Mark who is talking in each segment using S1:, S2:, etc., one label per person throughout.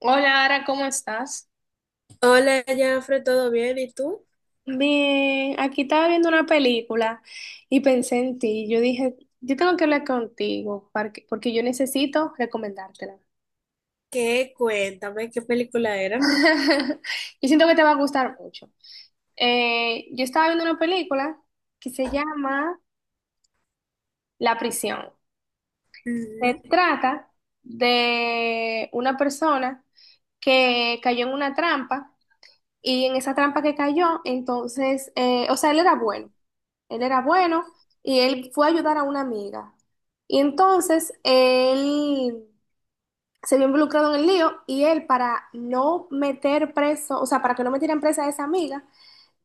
S1: Hola, Ara, ¿cómo estás?
S2: Hola, Jafre, ¿todo bien? ¿Y tú?
S1: Bien, aquí estaba viendo una película y pensé en ti. Yo dije, yo tengo que hablar contigo porque yo necesito recomendártela.
S2: ¿Qué? Cuéntame, ¿qué película era?
S1: Yo siento que te va a gustar mucho. Yo estaba viendo una película que se llama La Prisión. Se
S2: Ujú.
S1: trata de una persona que cayó en una trampa y en esa trampa que cayó, entonces, o sea, él era bueno. Él era bueno y él fue a ayudar a una amiga. Y entonces él se vio involucrado en el lío y él para no meter preso, o sea, para que no metieran presa a esa amiga,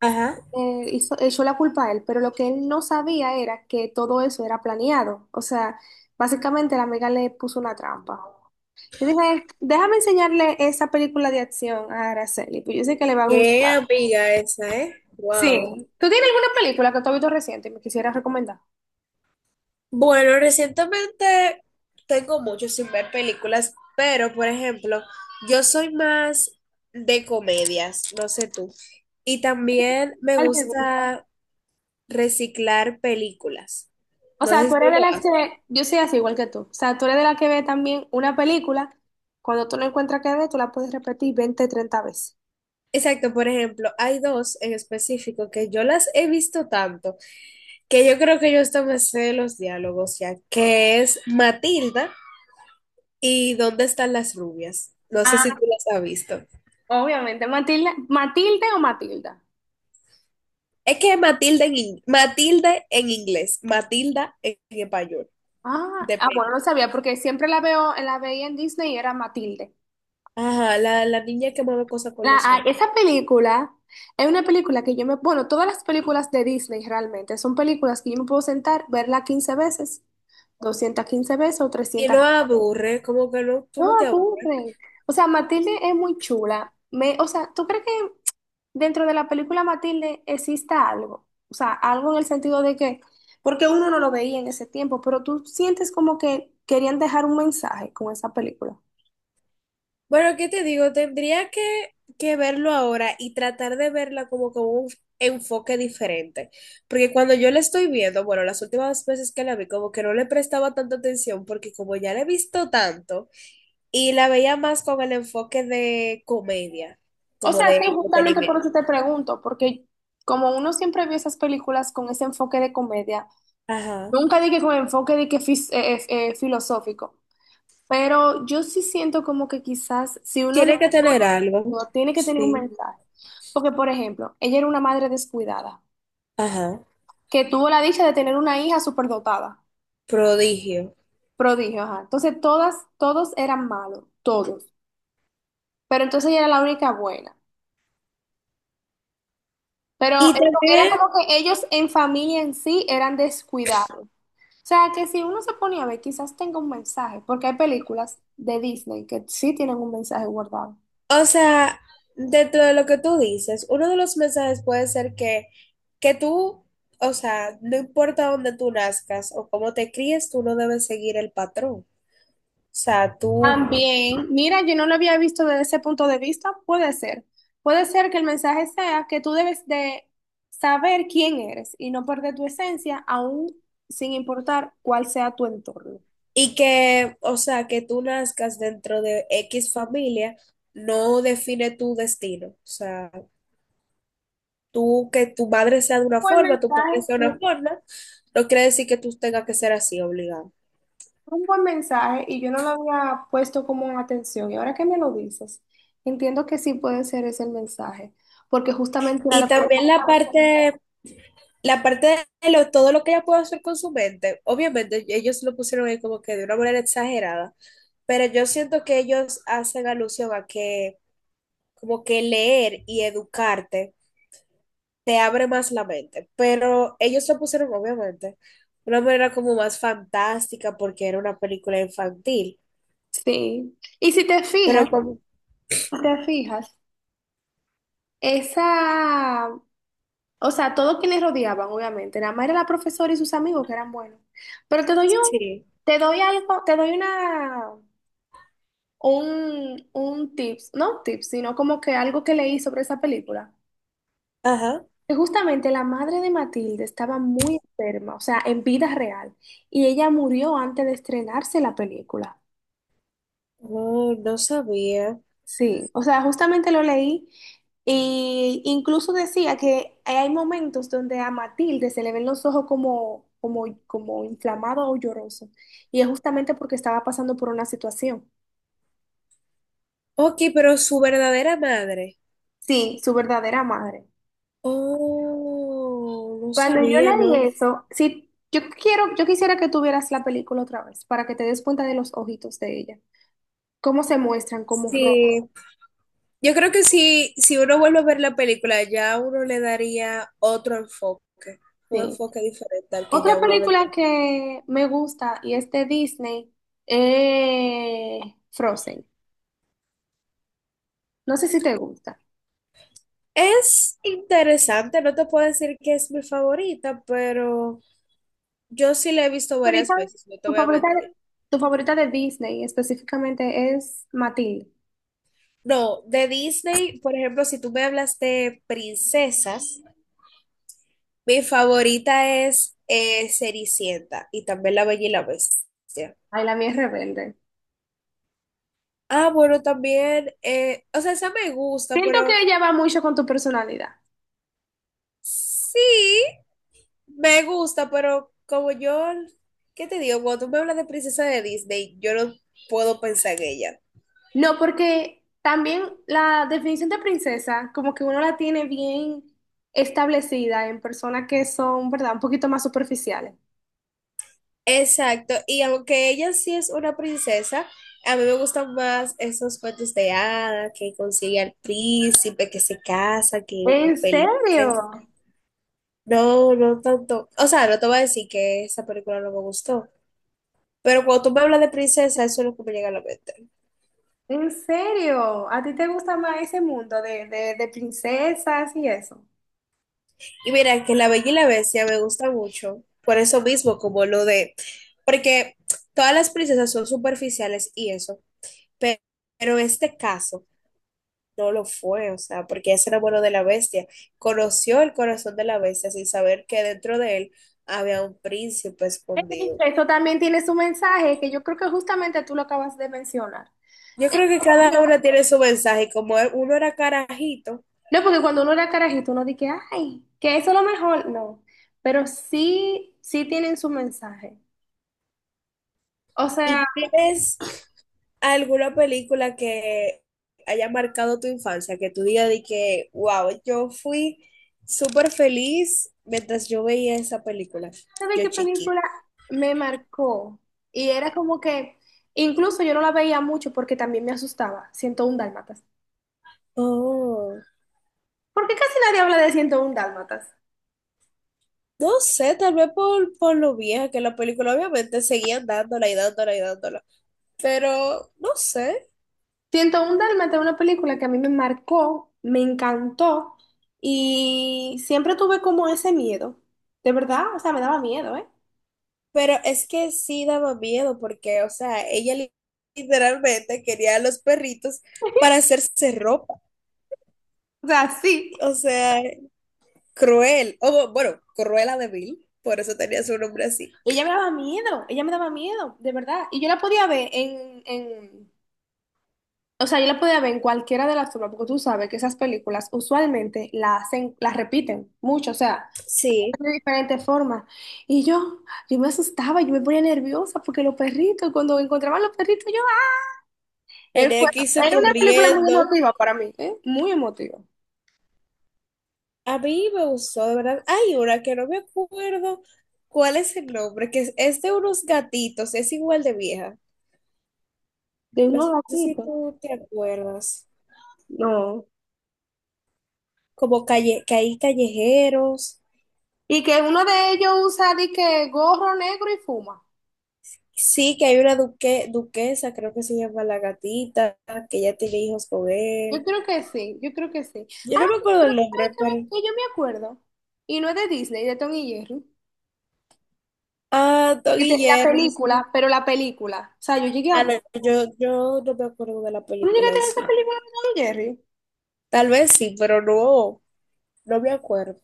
S2: Ajá.
S1: echó la culpa a él. Pero lo que él no sabía era que todo eso era planeado. O sea, básicamente la amiga le puso una trampa. Yo dije, déjame enseñarle esa película de acción a Araceli, pues yo sé que le va a gustar.
S2: Qué amiga esa, ¿eh?
S1: Sí.
S2: Wow.
S1: ¿Tú tienes alguna película que tú has visto reciente y me quisieras recomendar?
S2: Bueno, recientemente tengo mucho sin ver películas, pero por ejemplo, yo soy más de comedias, no sé tú. Y también me
S1: ¿Cuál te gusta?
S2: gusta reciclar películas.
S1: O
S2: No
S1: sea,
S2: sé
S1: tú
S2: si tú
S1: eres de
S2: lo
S1: las
S2: haces.
S1: que, yo soy así igual que tú. O sea, tú eres de las que ve también una película, cuando tú no encuentras que ver, tú la puedes repetir 20, 30 veces.
S2: Exacto, por ejemplo, hay dos en específico que yo las he visto tanto, que yo creo que yo hasta me sé los diálogos ya, que es Matilda y ¿Dónde están las rubias? No sé si
S1: Ah,
S2: tú las has visto.
S1: obviamente. Matilda, Matilde o Matilda.
S2: Es que Matilda en inglés, Matilda en español,
S1: Ah, ah, bueno,
S2: depende.
S1: no sabía porque siempre la veo, la veía en Disney y era Matilde.
S2: Ajá, la niña que mueve cosas con los ojos.
S1: Esa película es una película que yo me, bueno, todas las películas de Disney realmente son películas que yo me puedo sentar, verla 15 veces, 215 veces o
S2: Y
S1: 300.
S2: no aburre, como que no, tú no
S1: No,
S2: te aburres.
S1: aburren. O sea, Matilde es muy chula. Me, o sea, ¿tú crees que dentro de la película Matilde exista algo? O sea, algo en el sentido de que, porque uno no lo veía en ese tiempo, pero tú sientes como que querían dejar un mensaje con esa película.
S2: Bueno, ¿qué te digo? Que verlo ahora y tratar de verla como con un enfoque diferente. Porque cuando yo la estoy viendo, bueno, las últimas veces que la vi, como que no le prestaba tanta atención, porque como ya la he visto tanto, y la veía más con el enfoque de comedia,
S1: O
S2: como
S1: sea,
S2: de
S1: sí, justamente por
S2: entretenimiento.
S1: eso te pregunto, porque como uno siempre vio esas películas con ese enfoque de comedia,
S2: Ajá.
S1: nunca dije con enfoque de que filosófico. Pero yo sí siento como que quizás si uno le
S2: Tiene que
S1: pone
S2: tener algo.
S1: todo, tiene que tener un
S2: Sí.
S1: mensaje. Porque, por ejemplo, ella era una madre descuidada,
S2: Ajá.
S1: que tuvo la dicha de tener una hija superdotada,
S2: Prodigio.
S1: prodigio, ajá. Entonces, todas, todos eran malos, todos. Pero entonces ella era la única buena.
S2: Y
S1: Era
S2: también
S1: como que ellos en familia en sí eran descuidados. O sea, que si uno se ponía a ver, quizás tenga un mensaje, porque hay películas de Disney que sí tienen un mensaje guardado.
S2: O sea, dentro de lo que tú dices, uno de los mensajes puede ser que tú, o sea, no importa dónde tú nazcas o cómo te críes, tú no debes seguir el patrón. O sea, tú,
S1: También, mira, yo no lo había visto desde ese punto de vista, puede ser. Puede ser que el mensaje sea que tú debes de saber quién eres y no perder tu esencia, aún sin importar cuál sea tu entorno.
S2: y que, o sea, que tú nazcas dentro de X familia no define tu destino. O sea, tú, que tu madre sea de una
S1: Buen
S2: forma, tu padre
S1: mensaje,
S2: sea de una
S1: sí,
S2: forma, no quiere decir que tú tengas que ser así obligado.
S1: un buen mensaje y yo no lo había puesto como en atención. Y ahora que me lo dices, entiendo que sí puede ser ese el mensaje, porque justamente era
S2: Y
S1: lo
S2: también la parte. La parte de lo... todo lo que ella puede hacer con su mente, obviamente ellos lo pusieron ahí como que de una manera exagerada, pero yo siento que ellos hacen alusión a que como que leer y educarte te abre más la mente, pero ellos lo pusieron obviamente de una manera como más fantástica porque era una película infantil,
S1: Sí. Y si te fijas,
S2: pero como,
S1: si te fijas, esa O sea, todos quienes rodeaban, obviamente. Nada más era la profesora y sus amigos que eran buenos. Pero te doy un,
S2: sí,
S1: te doy algo, te doy una, un tips, no tips, sino como que algo que leí sobre esa película.
S2: ajá,
S1: Que justamente la madre de Matilde estaba muy enferma, o sea, en vida real. Y ella murió antes de estrenarse la película.
S2: oh, no sabía.
S1: Sí, o sea, justamente lo leí e incluso decía que hay momentos donde a Matilde se le ven los ojos como, como, como inflamado o lloroso, y es justamente porque estaba pasando por una situación.
S2: Ok, pero su verdadera madre.
S1: Sí, su verdadera madre.
S2: Oh, no
S1: Cuando yo
S2: sabía, ¿no?
S1: leí eso, sí, yo quiero, yo quisiera que tuvieras la película otra vez para que te des cuenta de los ojitos de ella, cómo se muestran como rojos.
S2: Sí, yo creo que si uno vuelve a ver la película, ya uno le daría otro enfoque, un
S1: Sí.
S2: enfoque diferente al que ya
S1: Otra
S2: uno le
S1: película
S2: tiene.
S1: que me gusta y es de Disney, eh, Frozen. No sé si te gusta.
S2: Es interesante, no te puedo decir que es mi favorita, pero yo sí la he visto varias
S1: Ahorita,
S2: veces, no te
S1: tu
S2: voy a
S1: favorita,
S2: mentir.
S1: tu favorita de Disney específicamente es Matilde.
S2: No, de Disney, por ejemplo, si tú me hablas de princesas, mi favorita es Cenicienta y también La Bella y la Bestia.
S1: Ay, la mía es rebelde.
S2: Ah, bueno, también, o sea, esa me gusta,
S1: Siento que
S2: pero
S1: ella va mucho con tu personalidad.
S2: sí. Me gusta, pero como yo, ¿qué te digo? Cuando tú me hablas de princesa de Disney, yo no puedo pensar en ella.
S1: No, porque también la definición de princesa, como que uno la tiene bien establecida en personas que son, ¿verdad?, un poquito más superficiales.
S2: Exacto, y aunque ella sí es una princesa, a mí me gustan más esos cuentos de hadas que consigue al príncipe, que se casa, que
S1: ¿En
S2: viven
S1: serio?
S2: felices. No, no tanto. O sea, no te voy a decir que esa película no me gustó, pero cuando tú me hablas de princesa, eso es lo que me llega a la mente.
S1: ¿En serio? ¿A ti te gusta más ese mundo de, princesas y eso?
S2: Y mira, que La Bella y la Bestia me gusta mucho, por eso mismo, como lo de, porque todas las princesas son superficiales y eso, pe- pero, este caso no lo fue, o sea, porque ese era bueno de la bestia, conoció el corazón de la bestia sin saber que dentro de él había un príncipe
S1: Ey,
S2: escondido.
S1: eso también tiene su mensaje, que yo creo que justamente tú lo acabas de mencionar.
S2: Yo
S1: Es
S2: creo que
S1: como que-
S2: cada una tiene su mensaje, como uno era carajito.
S1: No, porque cuando uno era carajito, uno dice, ay, que eso es lo mejor. No, pero sí, sí tienen su mensaje. O sea,
S2: ¿Y tienes alguna película que haya marcado tu infancia, que tú digas de que, wow, yo fui súper feliz mientras yo veía esa película,
S1: ¿sabes
S2: yo
S1: qué
S2: chiquita?
S1: película me marcó? Y era como que, incluso yo no la veía mucho porque también me asustaba, 101 Dálmatas.
S2: Oh,
S1: ¿Por qué casi nadie habla de 101 Dálmatas?
S2: no sé, tal vez por lo vieja que la película, obviamente seguían dándola y dándola y dándola, pero no sé,
S1: 101 Dálmata es una película que a mí me marcó, me encantó y siempre tuve como ese miedo. De verdad, o sea, me daba miedo, ¿eh?
S2: pero es que sí daba miedo porque, o sea, literalmente quería a los perritos para hacerse ropa,
S1: O sea, sí.
S2: o sea... Cruel, o bueno, Cruella de Vil, por eso tenía su nombre así.
S1: Ella me daba miedo, ella me daba miedo, de verdad. Y yo la podía ver en- o sea, yo la podía ver en cualquiera de las formas, porque tú sabes que esas películas usualmente las hacen, las repiten mucho, o sea,
S2: Sí,
S1: de diferentes formas. Y yo me asustaba, yo me ponía nerviosa porque cuando encontraban los perritos, Él fue,
S2: tenía que irse
S1: era una película muy
S2: corriendo.
S1: emotiva para mí, ¿eh? Muy emotiva.
S2: A mí me gustó, de verdad. Hay una que no me acuerdo cuál es el nombre, es de unos gatitos, es igual de vieja.
S1: De
S2: No
S1: unos
S2: sé si
S1: gatitos.
S2: tú te acuerdas.
S1: No.
S2: Como calle, que hay callejeros.
S1: Y que uno de ellos usa de que gorro negro y fuma.
S2: Sí, que hay una duquesa, creo que se llama la gatita, que ya tiene hijos con
S1: Yo
S2: él.
S1: creo que sí, yo creo que sí.
S2: Yo
S1: Ah,
S2: no me acuerdo
S1: pero
S2: el
S1: ¿sabes
S2: nombre,
S1: qué
S2: pero
S1: que yo me acuerdo? Y no es de Disney, de Tom y Jerry.
S2: Ah, Tom
S1: Este,
S2: y
S1: la
S2: Jerry, sí.
S1: película, pero la película. O sea, yo llegué a
S2: Ah,
S1: ver.
S2: no, yo no me acuerdo de la
S1: ¿Tú no
S2: película
S1: llegaste a
S2: en
S1: ver esa
S2: sí.
S1: película de Tom y Jerry?
S2: Tal vez sí, pero no, no me acuerdo.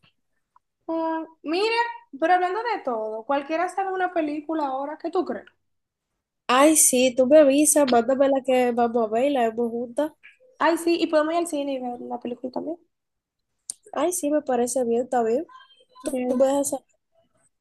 S1: Ah, mira, pero hablando de todo, cualquiera sabe una película ahora, ¿qué tú crees?
S2: Ay, sí, tú me avisas, mándame la que vamos a ver y la vemos juntas.
S1: Ay, sí, y podemos ir al cine y ver una película también.
S2: Ay, sí, me parece bien, está bien. Tú me
S1: Ok.
S2: dejas